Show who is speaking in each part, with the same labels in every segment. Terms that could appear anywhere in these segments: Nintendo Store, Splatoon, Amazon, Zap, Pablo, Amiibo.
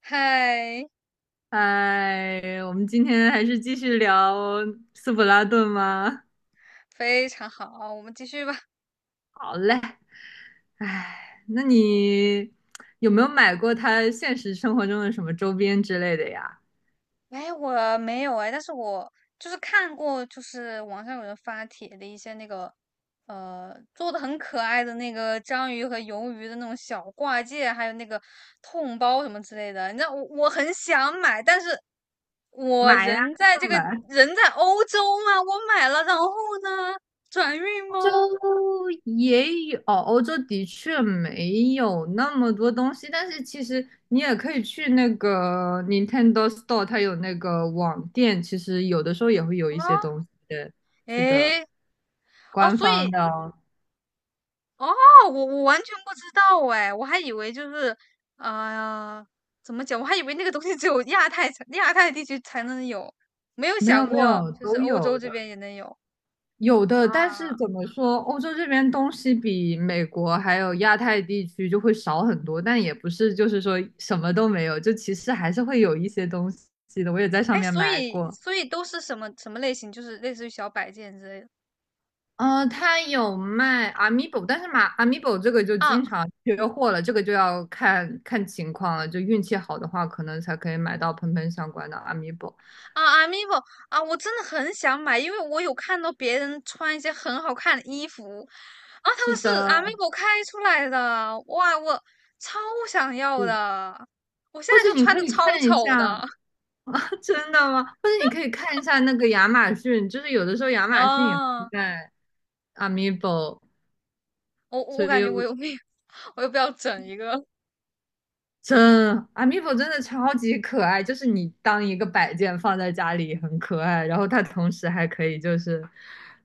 Speaker 1: 嗨，
Speaker 2: 哎，我们今天还是继续聊斯普拉顿吗？
Speaker 1: 非常好，我们继续吧。
Speaker 2: 好嘞。哎，那你有没有买过他现实生活中的什么周边之类的呀？
Speaker 1: 哎，我没有哎，但是我就是看过，就是网上有人发帖的一些那个，做的很可爱的那个章鱼和鱿鱼的那种小挂件，还有那个痛包什么之类的。你知道我很想买，但是我
Speaker 2: 买呀，
Speaker 1: 人在
Speaker 2: 那就买。
Speaker 1: 欧洲嘛，我买了，然后呢，转运
Speaker 2: 欧
Speaker 1: 吗？
Speaker 2: 洲也有，哦欧洲的确没有那么多东西，但是其实你也可以去那个 Nintendo Store，它有那个网店，其实有的时候也会有一
Speaker 1: 啊，
Speaker 2: 些东西的。是的，
Speaker 1: 诶，哦，
Speaker 2: 官
Speaker 1: 所
Speaker 2: 方
Speaker 1: 以
Speaker 2: 的哦。
Speaker 1: 哦，我完全不知道哎，我还以为就是，呃，怎么讲？我还以为那个东西只有亚太地区才能有，没有
Speaker 2: 没有
Speaker 1: 想
Speaker 2: 没
Speaker 1: 过
Speaker 2: 有，
Speaker 1: 就是
Speaker 2: 都
Speaker 1: 欧洲
Speaker 2: 有
Speaker 1: 这
Speaker 2: 的，
Speaker 1: 边也能有
Speaker 2: 有的。但是
Speaker 1: 啊。
Speaker 2: 怎么说，欧洲这边东西比美国还有亚太地区就会少很多，但也不是就是说什么都没有，就其实还是会有一些东西的。我也在上
Speaker 1: 哎，
Speaker 2: 面
Speaker 1: 所
Speaker 2: 买
Speaker 1: 以
Speaker 2: 过，
Speaker 1: 所以都是什么什么类型？就是类似于小摆件之类的
Speaker 2: 它有卖 Amiibo，但是买 Amiibo 这个就
Speaker 1: 啊。
Speaker 2: 经常缺货了，这个就要看看情况了，就运气好的话，可能才可以买到喷喷相关的 Amiibo。
Speaker 1: 啊，Amiibo 啊，我真的很想买，因为我有看到别人穿一些很好看的衣服，啊，他
Speaker 2: 是
Speaker 1: 们是
Speaker 2: 的，
Speaker 1: Amiibo 开出来的，哇，我超想要
Speaker 2: 是
Speaker 1: 的，我现
Speaker 2: 或
Speaker 1: 在
Speaker 2: 者
Speaker 1: 就
Speaker 2: 你
Speaker 1: 穿
Speaker 2: 可
Speaker 1: 的
Speaker 2: 以
Speaker 1: 超
Speaker 2: 看一
Speaker 1: 丑
Speaker 2: 下，
Speaker 1: 的
Speaker 2: 啊，真的吗？或者你可以看一下那个亚马逊，就是有的时候亚 马逊也会
Speaker 1: 啊，
Speaker 2: 在 Amiibo，
Speaker 1: 我
Speaker 2: 所
Speaker 1: 我感
Speaker 2: 以
Speaker 1: 觉我
Speaker 2: 我
Speaker 1: 有病，我又不要整一个，
Speaker 2: 真 Amiibo 真的超级可爱，就是你当一个摆件放在家里很可爱，然后它同时还可以就是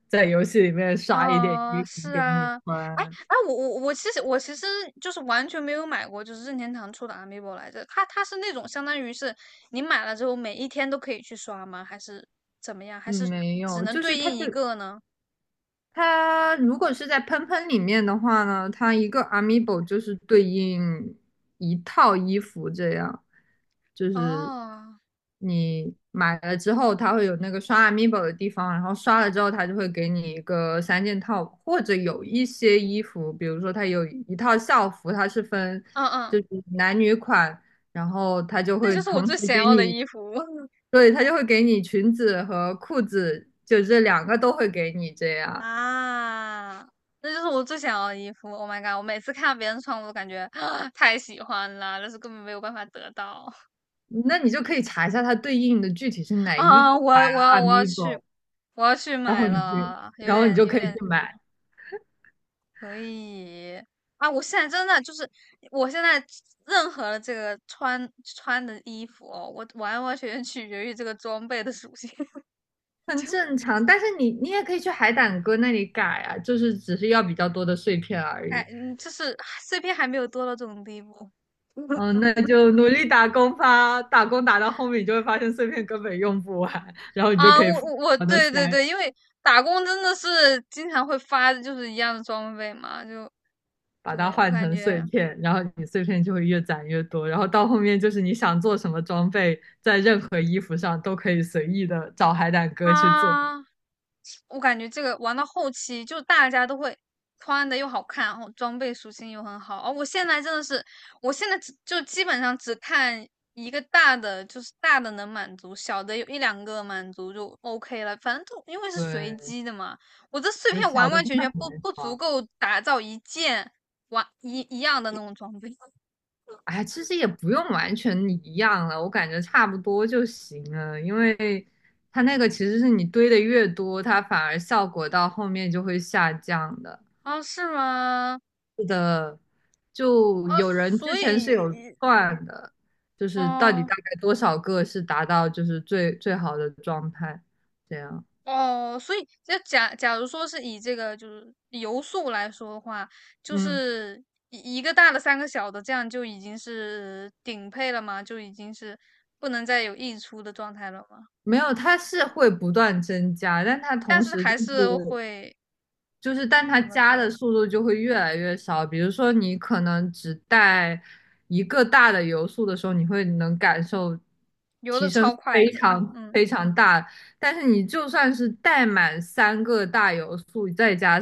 Speaker 2: 在游戏里面刷一点
Speaker 1: 哦，
Speaker 2: 衣服
Speaker 1: 是
Speaker 2: 给你
Speaker 1: 啊，哎
Speaker 2: 穿。
Speaker 1: 哎，我其实就是完全没有买过，就是任天堂出的 Amiibo 来着。它是那种相当于是你买了之后每一天都可以去刷吗？还是怎么样？还
Speaker 2: 嗯，
Speaker 1: 是
Speaker 2: 没
Speaker 1: 只
Speaker 2: 有，
Speaker 1: 能
Speaker 2: 就是
Speaker 1: 对
Speaker 2: 它
Speaker 1: 应一
Speaker 2: 这
Speaker 1: 个呢？
Speaker 2: 它如果是在喷喷里面的话呢，它一个 amiibo 就是对应一套衣服，这样就是
Speaker 1: 哦，
Speaker 2: 你买了之后，它会有那个刷 amiibo 的地方，然后刷了之后，它就会给你一个三件套，或者有一些衣服，比如说它有一套校服，它是分
Speaker 1: 嗯
Speaker 2: 就
Speaker 1: 嗯，
Speaker 2: 是男女款，然后它就
Speaker 1: 那
Speaker 2: 会
Speaker 1: 就是我
Speaker 2: 同
Speaker 1: 最
Speaker 2: 时
Speaker 1: 想
Speaker 2: 给
Speaker 1: 要的
Speaker 2: 你，
Speaker 1: 衣服
Speaker 2: 对，它就会给你裙子和裤子，就这两个都会给你这样。
Speaker 1: 啊，那就是我最想要的衣服。Oh my god！我每次看到别人穿，我都感觉 太喜欢了，但是根本没有办法得到。
Speaker 2: 那你就可以查一下它对应的具体是哪一
Speaker 1: 啊，
Speaker 2: 款 Amigo，
Speaker 1: 我要去
Speaker 2: 然后
Speaker 1: 买
Speaker 2: 你去，
Speaker 1: 了，有
Speaker 2: 然后你
Speaker 1: 点
Speaker 2: 就
Speaker 1: 有
Speaker 2: 可以去
Speaker 1: 点
Speaker 2: 买，
Speaker 1: 可以啊！我现在任何的这个穿的衣服哦，我完完全全取决于这个装备的属性。
Speaker 2: 很正常。但是你也可以去海胆哥那里改啊，就是只是要比较多的碎片而
Speaker 1: 哎，
Speaker 2: 已。
Speaker 1: 嗯，就是碎片还没有多到这种地步
Speaker 2: 嗯，那就努力打工吧，打工打到后面你就会发现碎片根本用不完，然后你就
Speaker 1: 啊！
Speaker 2: 可以
Speaker 1: 我
Speaker 2: 疯
Speaker 1: 我我，
Speaker 2: 狂的
Speaker 1: 对对
Speaker 2: 塞，
Speaker 1: 对，因为打工真的是经常会发，就是一样的装备嘛，就
Speaker 2: 把它
Speaker 1: 对我
Speaker 2: 换
Speaker 1: 感
Speaker 2: 成碎
Speaker 1: 觉
Speaker 2: 片，然后你碎片就会越攒越多，然后到后面就是你想做什么装备，在任何衣服上都可以随意的找海胆哥去做。
Speaker 1: 啊。我感觉这个玩到后期，就大家都会穿的又好看，然后装备属性又很好。哦，我现在只就基本上只看一个大的，就是大的能满足，小的有一两个满足就 OK 了。反正就因为是随
Speaker 2: 对。
Speaker 1: 机的嘛，我这碎
Speaker 2: 有
Speaker 1: 片
Speaker 2: 小
Speaker 1: 完
Speaker 2: 的
Speaker 1: 完
Speaker 2: 真
Speaker 1: 全
Speaker 2: 的
Speaker 1: 全
Speaker 2: 很
Speaker 1: 不
Speaker 2: 难
Speaker 1: 不足
Speaker 2: 穿。
Speaker 1: 够打造一件一样的那种装备
Speaker 2: 哎，其实也不用完全一样了，我感觉差不多就行了，因为它那个其实是你堆的越多，它反而效果到后面就会下降的。
Speaker 1: 啊？是吗？
Speaker 2: 是的，就
Speaker 1: 啊，
Speaker 2: 有人
Speaker 1: 所
Speaker 2: 之前是有
Speaker 1: 以，
Speaker 2: 算的，就是到底
Speaker 1: 嗯、
Speaker 2: 大概多少个是达到就是最最好的状态，这样。
Speaker 1: 哦，所以就假如说是以这个就是游速来说的话，就
Speaker 2: 嗯，
Speaker 1: 是一个大的三个小的，这样就已经是顶配了吗？就已经是不能再有溢出的状态了吗？
Speaker 2: 没有，它是会不断增加，但它
Speaker 1: 但
Speaker 2: 同
Speaker 1: 是
Speaker 2: 时就
Speaker 1: 还是
Speaker 2: 是
Speaker 1: 会
Speaker 2: 就是，但它
Speaker 1: 怎么
Speaker 2: 加的
Speaker 1: 说，
Speaker 2: 速度就会越来越少。比如说，你可能只带一个大的油速的时候，你会能感受
Speaker 1: 游
Speaker 2: 提
Speaker 1: 的
Speaker 2: 升
Speaker 1: 超
Speaker 2: 非
Speaker 1: 快的，
Speaker 2: 常
Speaker 1: 嗯，
Speaker 2: 非常大。但是你就算是带满三个大油素，再加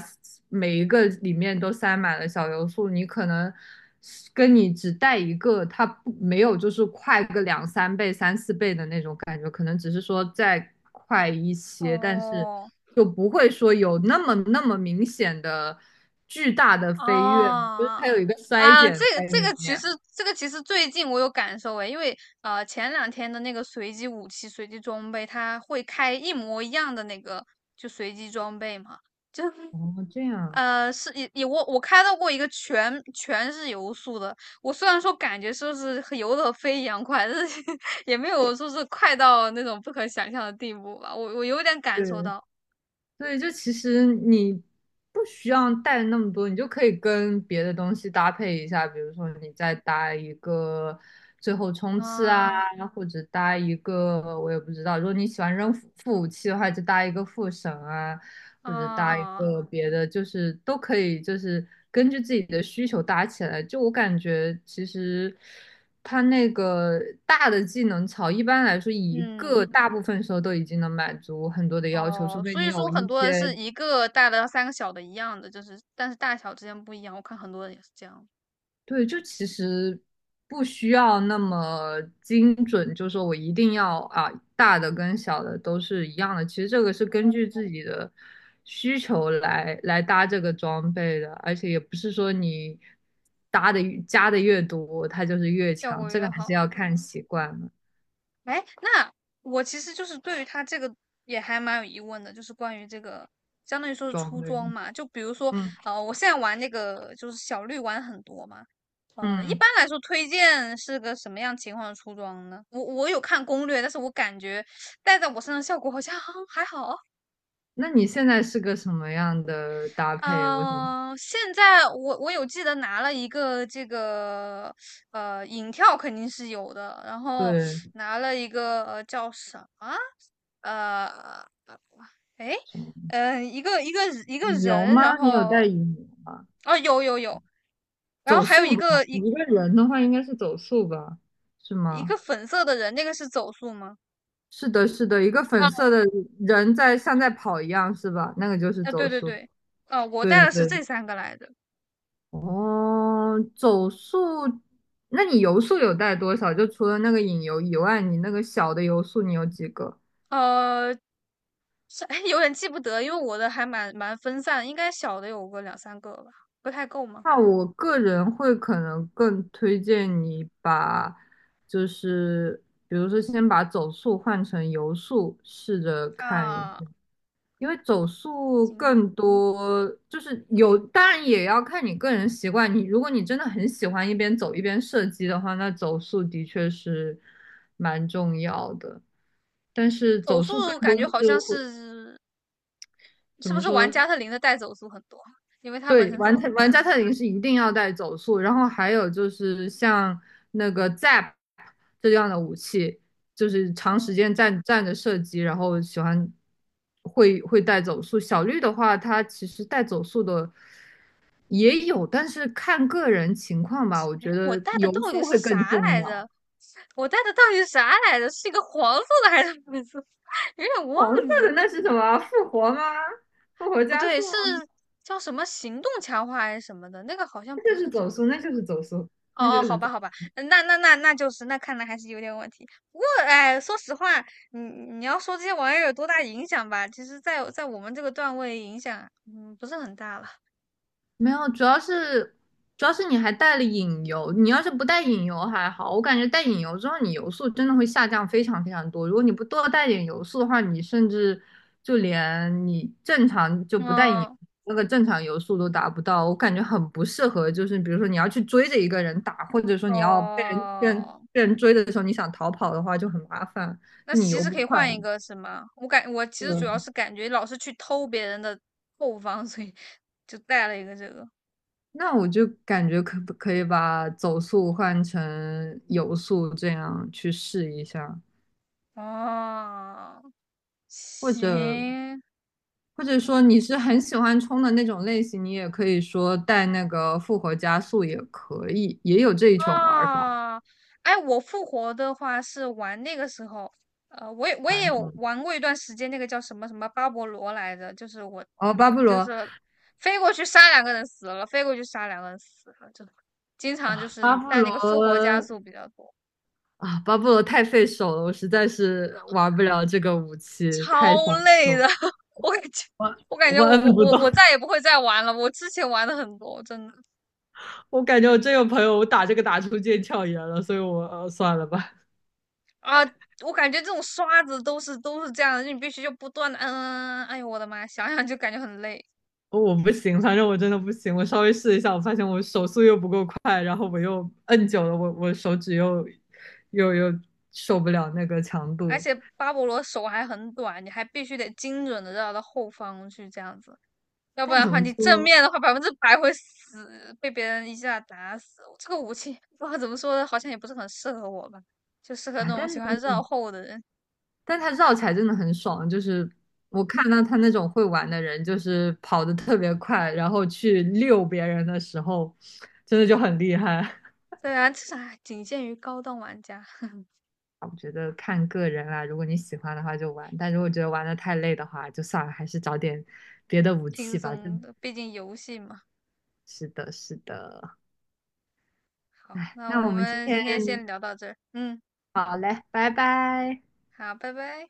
Speaker 2: 每一个里面都塞满了小油素，你可能是跟你只带一个，它不没有就是快个两三倍、三四倍的那种感觉，可能只是说再快一些，但是
Speaker 1: 哦。
Speaker 2: 就不会说有那么那么明显的巨大的飞跃，就是
Speaker 1: 哦，
Speaker 2: 它有一个衰
Speaker 1: 啊，
Speaker 2: 减
Speaker 1: 这个
Speaker 2: 在
Speaker 1: 这
Speaker 2: 里
Speaker 1: 个其
Speaker 2: 面。
Speaker 1: 实这个其实最近我有感受诶，因为前两天的那个随机武器、随机装备，它会开一模一样的那个就随机装备嘛。
Speaker 2: 哦，这样，
Speaker 1: 是也我开到过一个全是游速的，我虽然说感觉说是和游的飞一样快，但是 也没有说是快到那种不可想象的地步吧。我有点感受
Speaker 2: 对。
Speaker 1: 到，
Speaker 2: 对，就其实你不需要带那么多，你就可以跟别的东西搭配一下，比如说你再搭一个最后冲刺啊，
Speaker 1: 啊
Speaker 2: 或者搭一个我也不知道，如果你喜欢扔副武器的话，就搭一个副神啊，或者搭一
Speaker 1: 啊，
Speaker 2: 个别的，就是都可以，就是根据自己的需求搭起来。就我感觉，其实它那个大的技能槽，一般来说一个
Speaker 1: 嗯。
Speaker 2: 大部分时候都已经能满足很多的要求，除
Speaker 1: 哦，
Speaker 2: 非
Speaker 1: 所
Speaker 2: 你
Speaker 1: 以
Speaker 2: 有
Speaker 1: 说
Speaker 2: 一
Speaker 1: 很多人是
Speaker 2: 些
Speaker 1: 一个大的三个小的一样的，就是但是大小之间不一样。我看很多人也是这样，
Speaker 2: 对，就其实不需要那么精准，就说我一定要啊，大的跟小的都是一样的。其实这个是根据自己的需求来搭这个装备的，而且也不是说你搭的越加的越多，它就是越
Speaker 1: 效
Speaker 2: 强。
Speaker 1: 果
Speaker 2: 这
Speaker 1: 越
Speaker 2: 个还是
Speaker 1: 好
Speaker 2: 要
Speaker 1: 是
Speaker 2: 看
Speaker 1: 吗？
Speaker 2: 习惯了
Speaker 1: 哎，那我其实就是对于它这个也还蛮有疑问的，就是关于这个相当于说是
Speaker 2: 装
Speaker 1: 出
Speaker 2: 备的。
Speaker 1: 装嘛，就比如说
Speaker 2: 嗯
Speaker 1: 我现在玩那个就是小绿玩很多嘛。一般
Speaker 2: 嗯，
Speaker 1: 来说，推荐是个什么样情况的出装呢？我有看攻略，但是我感觉戴在我身上效果好像 还好。
Speaker 2: 那你现在是个什么样的搭配？我想
Speaker 1: 嗯、现在我有记得拿了一个这个影跳肯定是有的，然后
Speaker 2: 对
Speaker 1: 拿了一个叫什么呃诶
Speaker 2: 什么
Speaker 1: 呃一个一个一个
Speaker 2: 羽绒
Speaker 1: 人，然
Speaker 2: 吗？你有带
Speaker 1: 后
Speaker 2: 羽绒吗？
Speaker 1: 哦有有有，然后
Speaker 2: 走
Speaker 1: 还有
Speaker 2: 速
Speaker 1: 一
Speaker 2: 吧，
Speaker 1: 个一
Speaker 2: 一个人的话应该是走速吧，是
Speaker 1: 一个
Speaker 2: 吗？
Speaker 1: 粉色的人，那个是走速吗？
Speaker 2: 是的，是的，一个
Speaker 1: 哦，
Speaker 2: 粉色的人在像在跑一样，是吧？那个就是
Speaker 1: 啊对
Speaker 2: 走
Speaker 1: 对
Speaker 2: 速。
Speaker 1: 对，哦、我
Speaker 2: 对
Speaker 1: 带
Speaker 2: 的，
Speaker 1: 的是
Speaker 2: 对的。
Speaker 1: 这三个来的，
Speaker 2: 哦，走速，那你游速有带多少？就除了那个引游以外，你那个小的游速你有几个？
Speaker 1: 呃，是 有点记不得，因为我的还蛮分散的应该小的有个两三个吧，不太够吗？
Speaker 2: 那我个人会可能更推荐你把，就是比如说先把走速换成游速，试着看。
Speaker 1: 啊，
Speaker 2: 因为走速
Speaker 1: 行，
Speaker 2: 更多，就是有，当然也要看你个人习惯。你如果你真的很喜欢一边走一边射击的话，那走速的确是蛮重要的。但是
Speaker 1: 走
Speaker 2: 走速更
Speaker 1: 速
Speaker 2: 多
Speaker 1: 感觉好
Speaker 2: 是
Speaker 1: 像
Speaker 2: 会
Speaker 1: 是是
Speaker 2: 怎
Speaker 1: 不
Speaker 2: 么
Speaker 1: 是玩
Speaker 2: 说？
Speaker 1: 加特林的带走速很多，因为它本
Speaker 2: 对，
Speaker 1: 身走
Speaker 2: 玩
Speaker 1: 的很
Speaker 2: 特
Speaker 1: 慢。
Speaker 2: 玩家特林是一定要带走速，然后还有就是像那个 Zap 这样的武器，就是长
Speaker 1: 嗯，
Speaker 2: 时间站着射击，然后喜欢会带走速。小绿的话，它其实带走速的。也有，但是看个人情况吧，我
Speaker 1: 哎，
Speaker 2: 觉
Speaker 1: 我
Speaker 2: 得
Speaker 1: 带的到
Speaker 2: 游
Speaker 1: 底
Speaker 2: 数
Speaker 1: 是
Speaker 2: 会更
Speaker 1: 啥
Speaker 2: 重
Speaker 1: 来
Speaker 2: 要。
Speaker 1: 着？我带的到底是啥来着？是一个黄色的还是粉色？有点
Speaker 2: 黄色
Speaker 1: 忘记
Speaker 2: 的
Speaker 1: 了。
Speaker 2: 那是什么？复活吗？复活
Speaker 1: 不
Speaker 2: 加
Speaker 1: 对，
Speaker 2: 速吗？
Speaker 1: 是叫什么行动强化还是什么的？那个好像
Speaker 2: 那就
Speaker 1: 不
Speaker 2: 是
Speaker 1: 是
Speaker 2: 走
Speaker 1: 走
Speaker 2: 速，那
Speaker 1: 速。哦
Speaker 2: 就是走速，那就
Speaker 1: 哦，好
Speaker 2: 是。
Speaker 1: 吧，
Speaker 2: 走
Speaker 1: 好吧，嗯那就是，那看来还是有点问题。不过，哎，说实话，你要说这些玩意儿有多大影响吧，其实在，在我们这个段位影响，嗯，不是很大了。
Speaker 2: 没有，主要是你还带了隐游，你要是不带隐游还好，我感觉带隐游之后，你游速真的会下降非常非常多。如果你不多带点游速的话，你甚至就连你正常就不带引游
Speaker 1: 嗯，
Speaker 2: 那个正常游速都达不到，我感觉很不适合。就是比如说你要去追着一个人打，或者说你要被人被人
Speaker 1: 哦，
Speaker 2: 被人追的时候，你想逃跑的话就很麻烦，
Speaker 1: 那
Speaker 2: 就你
Speaker 1: 其
Speaker 2: 游
Speaker 1: 实
Speaker 2: 不
Speaker 1: 可以
Speaker 2: 快。
Speaker 1: 换一个，是吗？我其实主要
Speaker 2: 对，
Speaker 1: 是感觉老是去偷别人的后方，所以就带了一个这个。
Speaker 2: 那我就感觉可不可以把走速换成游速，这样去试一下，
Speaker 1: 哦，
Speaker 2: 或者
Speaker 1: 行，
Speaker 2: 或者说你是很喜欢冲的那种类型，你也可以说带那个复活加速也可以，也有这一种玩法。
Speaker 1: 啊，哎，我复活的话是玩那个时候，我也
Speaker 2: 反
Speaker 1: 有
Speaker 2: 正
Speaker 1: 玩过一段时间，那个叫什么什么巴勃罗来着，就是我
Speaker 2: 哦，巴布
Speaker 1: 就
Speaker 2: 罗，
Speaker 1: 是飞过去杀两个人死了，飞过去杀两个人死了，就经常就
Speaker 2: 巴
Speaker 1: 是
Speaker 2: 布
Speaker 1: 带那
Speaker 2: 罗
Speaker 1: 个复活加速比较多，
Speaker 2: 啊，巴布罗太费手了，我实在是玩不了这个武器，太伤
Speaker 1: 超累
Speaker 2: 手，
Speaker 1: 的，我感觉
Speaker 2: 我
Speaker 1: 我感觉
Speaker 2: 我
Speaker 1: 我我
Speaker 2: 摁不
Speaker 1: 我
Speaker 2: 动，
Speaker 1: 我再也不会再玩了，我之前玩的很多，真的
Speaker 2: 我感觉我真有朋友我打这个打出腱鞘炎了，所以我算了吧。
Speaker 1: 啊。我感觉这种刷子都是这样的，你必须就不断的，嗯，哎呦我的妈，想想就感觉很累。
Speaker 2: 哦我不行，反正我真的不行。我稍微试一下，我发现我手速又不够快，然后我又摁久了，我手指又受不了那个强
Speaker 1: 而
Speaker 2: 度。
Speaker 1: 且巴勃罗手还很短，你还必须得精准的绕到后方去这样子，要不
Speaker 2: 但
Speaker 1: 然的
Speaker 2: 怎
Speaker 1: 话，
Speaker 2: 么
Speaker 1: 你正
Speaker 2: 说
Speaker 1: 面的话百分之百会死，被别人一下打死。这个武器不知道怎么说呢，好像也不是很适合我吧，就适合
Speaker 2: 啊？
Speaker 1: 那种喜
Speaker 2: 但
Speaker 1: 欢绕后的人。
Speaker 2: 但他绕起来真的很爽，就是我看到他那种会玩的人，就是跑得特别快，然后去溜别人的时候，真的就很厉害。
Speaker 1: 虽然这还仅限于高端玩家，
Speaker 2: 我觉得看个人啦，如果你喜欢的话就玩，但如果觉得玩的太累的话，就算了，还是找点别的武
Speaker 1: 轻
Speaker 2: 器吧。就
Speaker 1: 松的，毕竟游戏嘛。
Speaker 2: 是的，是的。
Speaker 1: 好，
Speaker 2: 哎，
Speaker 1: 那
Speaker 2: 那我
Speaker 1: 我
Speaker 2: 们今
Speaker 1: 们
Speaker 2: 天
Speaker 1: 今天先聊到这儿，嗯，
Speaker 2: 好嘞，拜拜。
Speaker 1: 好，拜拜。